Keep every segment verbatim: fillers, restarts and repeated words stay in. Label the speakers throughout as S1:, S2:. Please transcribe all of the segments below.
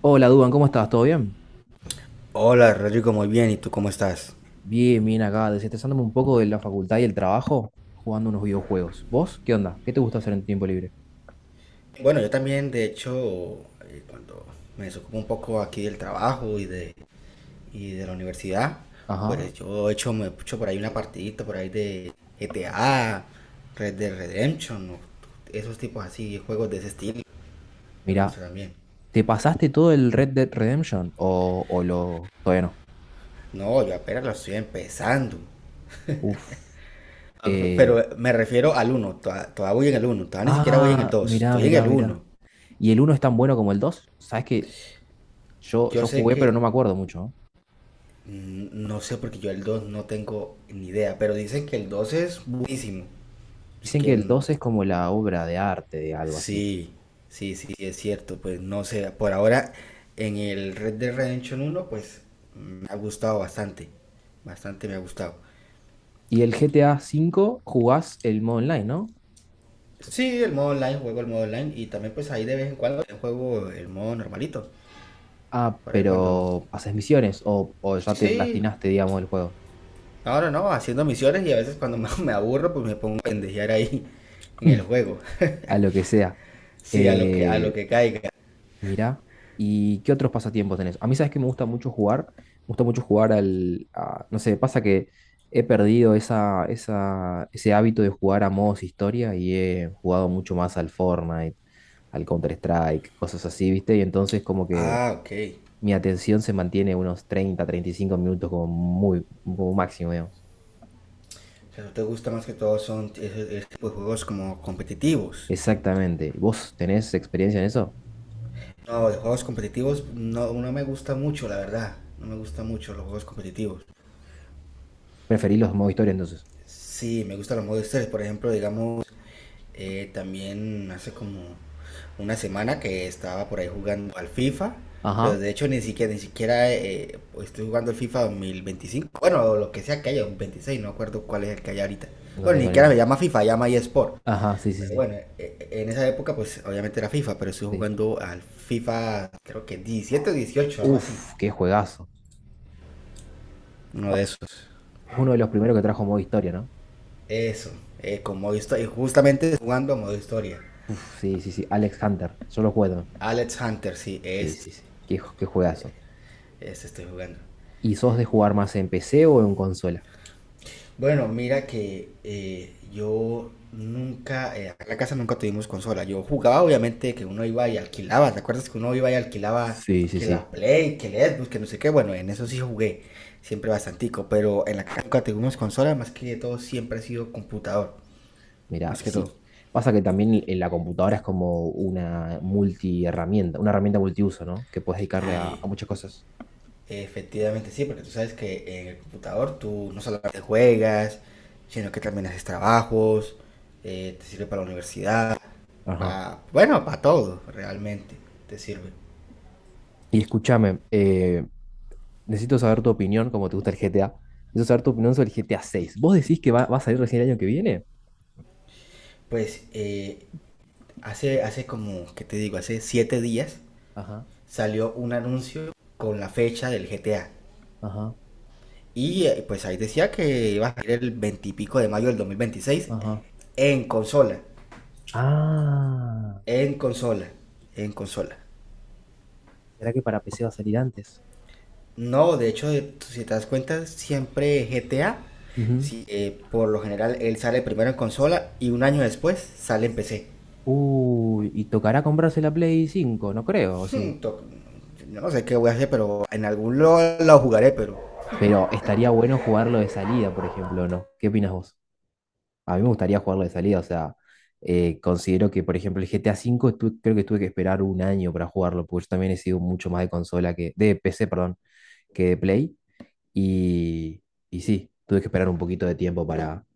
S1: Hola, Duban, ¿cómo estás? ¿Todo bien?
S2: Hola Rodrigo, muy bien. ¿Y tú cómo estás?
S1: Bien, bien acá, desestresándome un poco de la facultad y el trabajo, jugando unos videojuegos. ¿Vos? ¿Qué onda? ¿Qué te gusta hacer en tu tiempo libre?
S2: Bueno, yo también, de hecho, eh, cuando me desocupo un poco aquí del trabajo y de, y de la universidad, pues
S1: Ajá.
S2: yo he hecho, me he hecho por ahí una partidita por ahí de G T A, Red Dead Redemption, o esos tipos así, juegos de ese estilo. Me
S1: Mira,
S2: gusta también.
S1: ¿te pasaste todo el Red Dead Redemption o, o lo... todavía no?
S2: No, yo apenas lo estoy empezando.
S1: Uf.
S2: Ah, pe- Pero
S1: Eh...
S2: me refiero al uno, todavía voy en el uno. Todavía ni siquiera voy en el
S1: Ah,
S2: dos.
S1: mirá,
S2: Estoy en
S1: mirá,
S2: el
S1: mirá.
S2: uno.
S1: ¿Y el uno es tan bueno como el dos? Sabes que yo,
S2: Yo
S1: yo
S2: sé
S1: jugué,
S2: que
S1: pero no me acuerdo mucho, ¿no?
S2: Mm, No sé, porque yo el dos no tengo ni idea, pero dicen que el dos es buenísimo. Así
S1: Dicen
S2: que
S1: que el
S2: n-
S1: dos es como la obra de arte, de algo así.
S2: sí, sí, sí, sí, es cierto. Pues no sé, por ahora en el Red Dead Redemption uno pues me ha gustado bastante. Bastante me ha gustado.
S1: Y el G T A V jugás el modo online, ¿no?
S2: Sí, el modo online, juego el modo online y también pues ahí de vez en cuando juego el modo normalito.
S1: Ah,
S2: Por ahí cuando...
S1: pero haces misiones o, o
S2: Sí,
S1: ya te
S2: sí.
S1: platinaste, digamos, el juego.
S2: Ahora no, no, no, haciendo misiones y a veces cuando me me aburro pues me pongo a pendejear ahí en el juego.
S1: A lo que sea.
S2: Sí, a lo que, a lo
S1: Eh,
S2: que caiga.
S1: mirá. ¿Y qué otros pasatiempos tenés? A mí, sabes que me gusta mucho jugar. Me gusta mucho jugar al. a- no sé, pasa que he perdido esa, esa, ese hábito de jugar a modos historia, y he jugado mucho más al Fortnite, al Counter-Strike, cosas así, ¿viste? Y entonces, como que
S2: Ah, ok.
S1: mi atención se mantiene unos treinta, treinta y cinco minutos como muy, como máximo.
S2: O sea, ¿no te gusta más que todo son ese, ese tipo de juegos como competitivos?
S1: Exactamente. ¿Vos tenés experiencia en eso?
S2: No, de juegos competitivos no, no me gusta mucho, la verdad. No me gusta mucho los juegos competitivos.
S1: Preferís los modo historia entonces.
S2: Sí, me gustan los modos historia. Por ejemplo, digamos, eh, también hace como una semana que estaba por ahí jugando al FIFA, pero
S1: Ajá,
S2: de hecho ni siquiera, ni siquiera eh, pues, estoy jugando el FIFA veinticinco. Bueno, lo que sea que haya, un veintiséis, no acuerdo cuál es el que hay ahorita.
S1: no
S2: Bueno, ni
S1: tengo ni
S2: siquiera me
S1: idea.
S2: llama FIFA, llama eSport.
S1: Ajá, sí, sí,
S2: Pero
S1: sí.
S2: bueno, e- en esa época pues obviamente era FIFA, pero estuve
S1: Sí.
S2: jugando al FIFA creo que diecisiete o dieciocho, algo así.
S1: Uf, qué juegazo.
S2: Uno de
S1: Bueno,
S2: esos.
S1: es uno de los primeros que trajo modo historia, ¿no?
S2: Eso, eh, con modo historia. Y justamente jugando a modo historia.
S1: Uf, sí, sí, sí. Alex Hunter. Yo lo juego también.
S2: Alex Hunter, sí,
S1: Sí,
S2: este,
S1: sí, sí. Qué, ju- qué juegazo.
S2: este estoy jugando.
S1: ¿Y sos de jugar más en P C o en consola?
S2: Bueno, mira que eh, yo nunca, eh, acá en la casa nunca tuvimos consola. Yo jugaba, obviamente, que uno iba y alquilaba. ¿Te acuerdas que uno iba y alquilaba
S1: Sí, sí,
S2: que
S1: sí.
S2: la Play, que el Xbox, que no sé qué? Bueno, en eso sí jugué, siempre bastantico, pero en la casa nunca tuvimos consola, más que todo siempre ha sido computador,
S1: Mira,
S2: más que todo.
S1: sí. Pasa que también en la computadora es como una multiherramienta, una herramienta multiuso, ¿no? Que puedes dedicarle a,
S2: Sí,
S1: a muchas cosas.
S2: efectivamente sí, porque tú sabes que en el computador tú no solamente juegas, sino que también haces trabajos, eh, te sirve para la universidad.
S1: Ajá.
S2: Pa, bueno, para todo, realmente, te sirve.
S1: Y escúchame, eh, necesito saber tu opinión, como te gusta el G T A. Necesito saber tu opinión sobre el G T A seis. ¿Vos decís que va, va a salir recién el año que viene?
S2: Pues eh, hace, hace como, ¿qué te digo? Hace siete días
S1: Ajá,
S2: salió un anuncio con la fecha del G T A.
S1: ajá,
S2: Y eh, pues ahí decía que iba a salir el veintipico de mayo del dos mil veintiséis
S1: ajá.
S2: en consola.
S1: Ah,
S2: En consola. En consola.
S1: ¿será que para P C va a salir antes?
S2: No, de hecho, eh, si te das cuenta, siempre G T A,
S1: Ujú.
S2: si, eh, por lo general, él sale primero en consola y un año después sale en P C.
S1: ¿Uy, y tocará comprarse la Play cinco? No creo, ¿o sí?
S2: No sé qué voy a hacer, pero en algún lo, lo jugaré, pero
S1: Pero estaría bueno jugarlo de salida, por ejemplo, ¿no? ¿Qué opinas vos? A mí me gustaría jugarlo de salida, o sea, eh, considero que, por ejemplo, el G T A cinco, tu- creo que tuve que esperar un año para jugarlo, porque yo también he sido mucho más de consola que, de P C, perdón, que de Play. Y, y sí, tuve que esperar un poquito de tiempo para,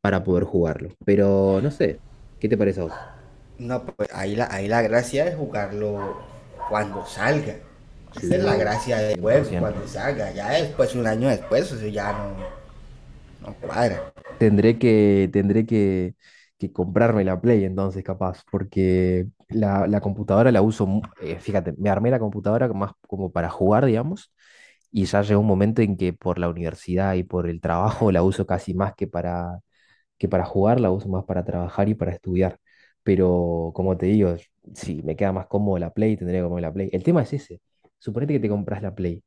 S1: para poder jugarlo. Pero no sé, ¿qué te parece a vos?
S2: no, pues ahí la, ahí la gracia es jugarlo cuando salga. Esa es la
S1: Sí,
S2: gracia del juego,
S1: cien por ciento.
S2: cuando salga. Ya después, un año después, eso ya no, no cuadra.
S1: Tendré que, tendré que, que comprarme la Play entonces, capaz, porque la, la computadora la uso, mu- eh, fíjate, me armé la computadora más como para jugar, digamos, y ya llegó un momento en que por la universidad y por el trabajo la uso casi más que para, que para jugar, la uso más para trabajar y para estudiar. Pero como te digo, si me queda más cómodo la Play, tendría que comer la Play. El tema es ese. Suponete que te compras la Play.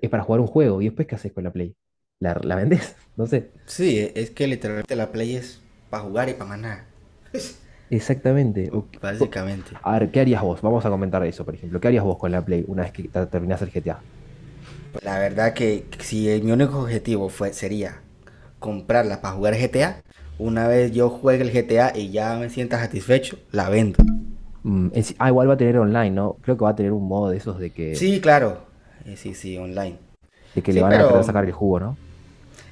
S1: Es para jugar un juego y después, ¿qué haces con la Play? ¿La, la vendés? No sé.
S2: Sí, es que literalmente la Play es para jugar y para más nada,
S1: Exactamente. O qué- co-
S2: básicamente.
S1: A ver, ¿qué harías vos? Vamos a comentar eso, por ejemplo. ¿Qué harías vos con la Play una vez que ta- terminás el G T A?
S2: Pues la verdad que si el- mi único objetivo fue, sería comprarla para jugar G T A, una vez yo juegue el G T A y ya me sienta satisfecho, la vendo.
S1: Mm, en sí- ah, igual va a tener online, ¿no? Creo que va a tener un modo de esos de que,
S2: Sí, claro. Eh, Sí, sí, online.
S1: de que le
S2: Sí,
S1: van a querer
S2: pero
S1: sacar
S2: mm,
S1: el jugo, ¿no?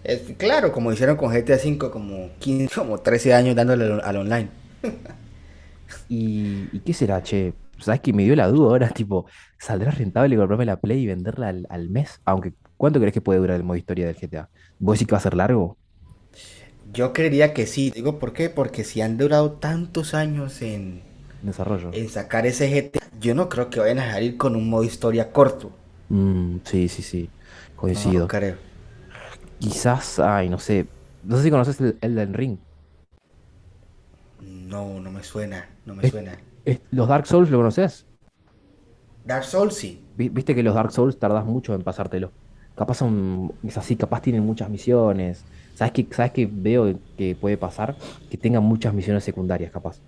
S2: es- claro, como hicieron con G T A V, como quince, como trece años dándole al, al online.
S1: ¿Y, y qué será, che? ¿Sabes que me dio la duda ahora? Tipo, ¿saldrá rentable comprarme la Play y venderla al, al mes? Aunque, ¿cuánto crees que puede durar el modo historia del G T A? ¿Vos decís que va a ser largo?
S2: Yo creería que sí. Digo, ¿por qué? Porque si han durado tantos años en,
S1: En desarrollo.
S2: en sacar ese G T A, yo no creo que vayan a salir con un modo historia corto.
S1: Mm, sí, sí, sí.
S2: No lo
S1: Coincido.
S2: creo.
S1: Quizás, ay, no sé. No sé si conoces el Elden Ring.
S2: No, no me suena, no me
S1: Es-
S2: suena.
S1: es- ¿los Dark Souls lo conoces?
S2: Dark Souls sí.
S1: Vi- Viste que los Dark Souls tardás mucho en pasártelo. Capaz son, es así, capaz tienen muchas misiones. ¿Sabes qué, sabes qué veo que puede pasar? Que tengan muchas misiones secundarias, capaz.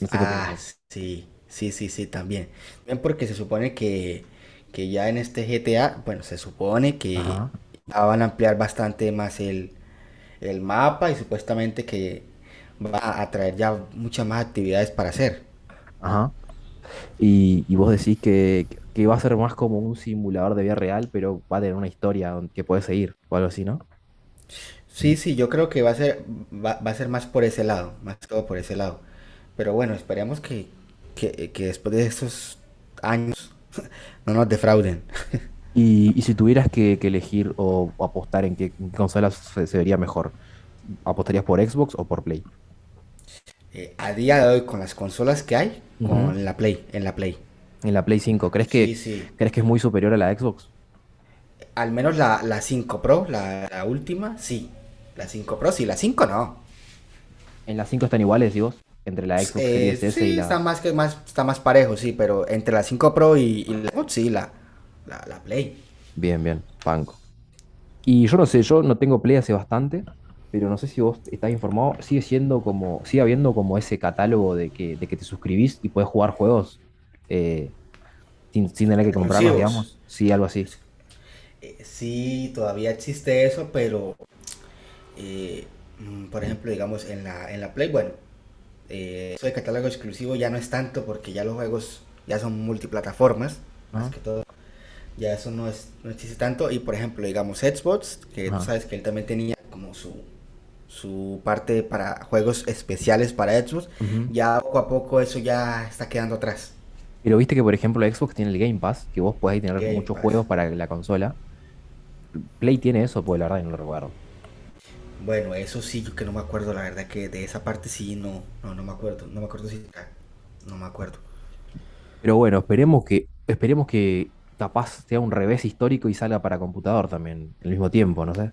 S1: No sé qué opinas
S2: Ah,
S1: vos.
S2: sí, sí, sí, sí, también. También porque se supone que, que ya en este G T A, bueno, se supone que
S1: Ajá,
S2: ya van a ampliar bastante más el, el mapa y supuestamente que va a traer ya muchas más actividades para hacer.
S1: ajá. Y, y vos decís que, que va a ser más como un simulador de vida real, pero va a tener una historia don- que puedes seguir o algo así, ¿no?
S2: Sí, sí, yo creo que va a ser, va, va a ser más por ese lado, más que todo por ese lado. Pero bueno, esperemos que, que, que después de estos años no nos defrauden.
S1: Y, y si tuvieras que, que elegir o, o apostar en qué en qué consola se, se vería mejor, ¿apostarías por Xbox o por Play?
S2: Eh, a día de hoy, con las consolas que hay,
S1: Ujú.
S2: con la Play, en la Play.
S1: En la Play cinco, ¿crees
S2: Sí,
S1: que,
S2: sí.
S1: crees que es muy superior a la Xbox?
S2: Al menos la, la cinco Pro, la, la última, sí. La cinco Pro, sí, la cinco, no.
S1: En las cinco están iguales, ¿y vos? Entre la
S2: Pues,
S1: Xbox
S2: eh,
S1: Series S y
S2: sí, está
S1: las...
S2: más que más, está más parejo, sí, pero entre la cinco Pro y, y la Xbox, sí, la, la, la Play.
S1: Bien, bien, banco. Y yo no sé, yo no tengo Play hace bastante, pero no sé si vos estás informado, sigue siendo como, sigue habiendo como ese catálogo de que, de que te suscribís y puedes jugar juegos, eh, sin, sin tener que comprarlos,
S2: Exclusivos.
S1: digamos. Sí, algo así.
S2: Eh, sí, todavía existe eso, pero eh, mm, por ejemplo, digamos, en la, en la Play, bueno, eh, eso de catálogo exclusivo ya no es tanto porque ya los juegos ya son multiplataformas, más
S1: Ajá.
S2: que todo. Ya eso no, es, no existe tanto. Y por ejemplo, digamos Xbox, que tú
S1: Ajá,
S2: sabes que él también tenía como su, su parte para juegos especiales para Xbox.
S1: ujú.
S2: Ya poco a poco eso ya está quedando atrás.
S1: Pero viste que, por ejemplo, Xbox tiene el Game Pass, que vos podés tener
S2: Game
S1: muchos
S2: Pass.
S1: juegos para la consola. Play tiene eso, pues la verdad que no lo recuerdo.
S2: Bueno, eso sí, yo que no me acuerdo, la verdad que de esa parte sí, no, no, no me acuerdo. No me acuerdo si... No me acuerdo.
S1: Pero bueno, esperemos que, esperemos que capaz sea un revés histórico y salga para computador también, al mismo tiempo, no sé.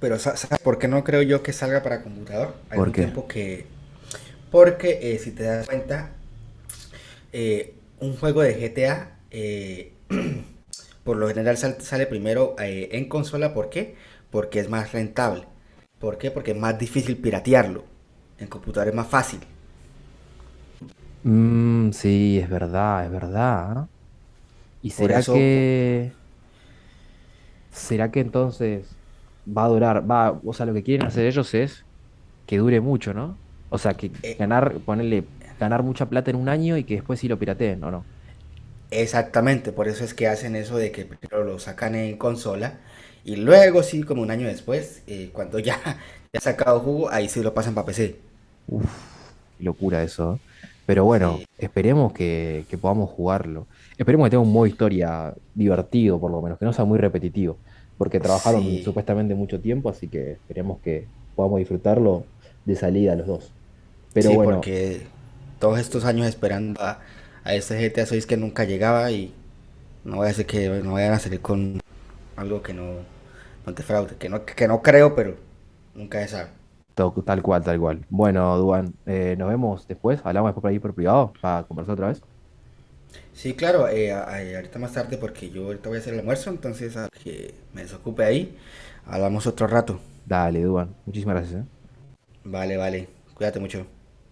S2: Pero sa- ¿sabes por qué no creo yo que salga para computador? Al
S1: ¿Por
S2: mismo
S1: qué?
S2: tiempo que... Porque eh, si te das cuenta, eh, un juego de G T A eh, por lo general sal- sale primero eh, en consola, ¿por qué? Porque es más rentable. ¿Por qué? Porque es más difícil piratearlo. En computador es más fácil.
S1: Mm, sí, es verdad, es verdad, ¿ah? ¿Y
S2: Por
S1: será
S2: eso, po-
S1: que, será que entonces va a durar? Va, o sea, lo que quieren hacer ellos es que dure mucho, ¿no? O sea, que
S2: eh,
S1: ganar, ponerle, ganar mucha plata en un año y que después sí lo pirateen, ¿o no?
S2: exactamente, por eso es que hacen eso de que primero lo sacan en consola y luego sí, como un año después, eh, cuando ya, ya ha sacado jugo, ahí sí lo pasan para P C.
S1: Uf, qué locura eso, ¿eh? Pero
S2: Sí,
S1: bueno, esperemos que, que podamos jugarlo. Esperemos que tenga un modo historia divertido, por lo menos, que no sea muy repetitivo, porque trabajaron
S2: sí,
S1: supuestamente mucho tiempo, así que esperemos que podamos disfrutarlo de salida los dos. Pero
S2: sí,
S1: bueno,
S2: porque todos estos
S1: decime.
S2: años esperando a, a este G T A seis que nunca llegaba y no voy a hacer que no vayan a salir con algo que no, no te fraude, que no, que no creo, pero nunca se sabe.
S1: To- tal cual, tal cual. Bueno, Duan, eh, nos vemos después. Hablamos después por ahí por privado para conversar otra vez.
S2: Sí, claro, eh, a- a- ahorita más tarde porque yo ahorita voy a hacer el almuerzo, entonces a que me desocupe ahí, hablamos otro rato.
S1: Dale, Duan. Muchísimas gracias, ¿eh?
S2: Vale, vale, cuídate mucho.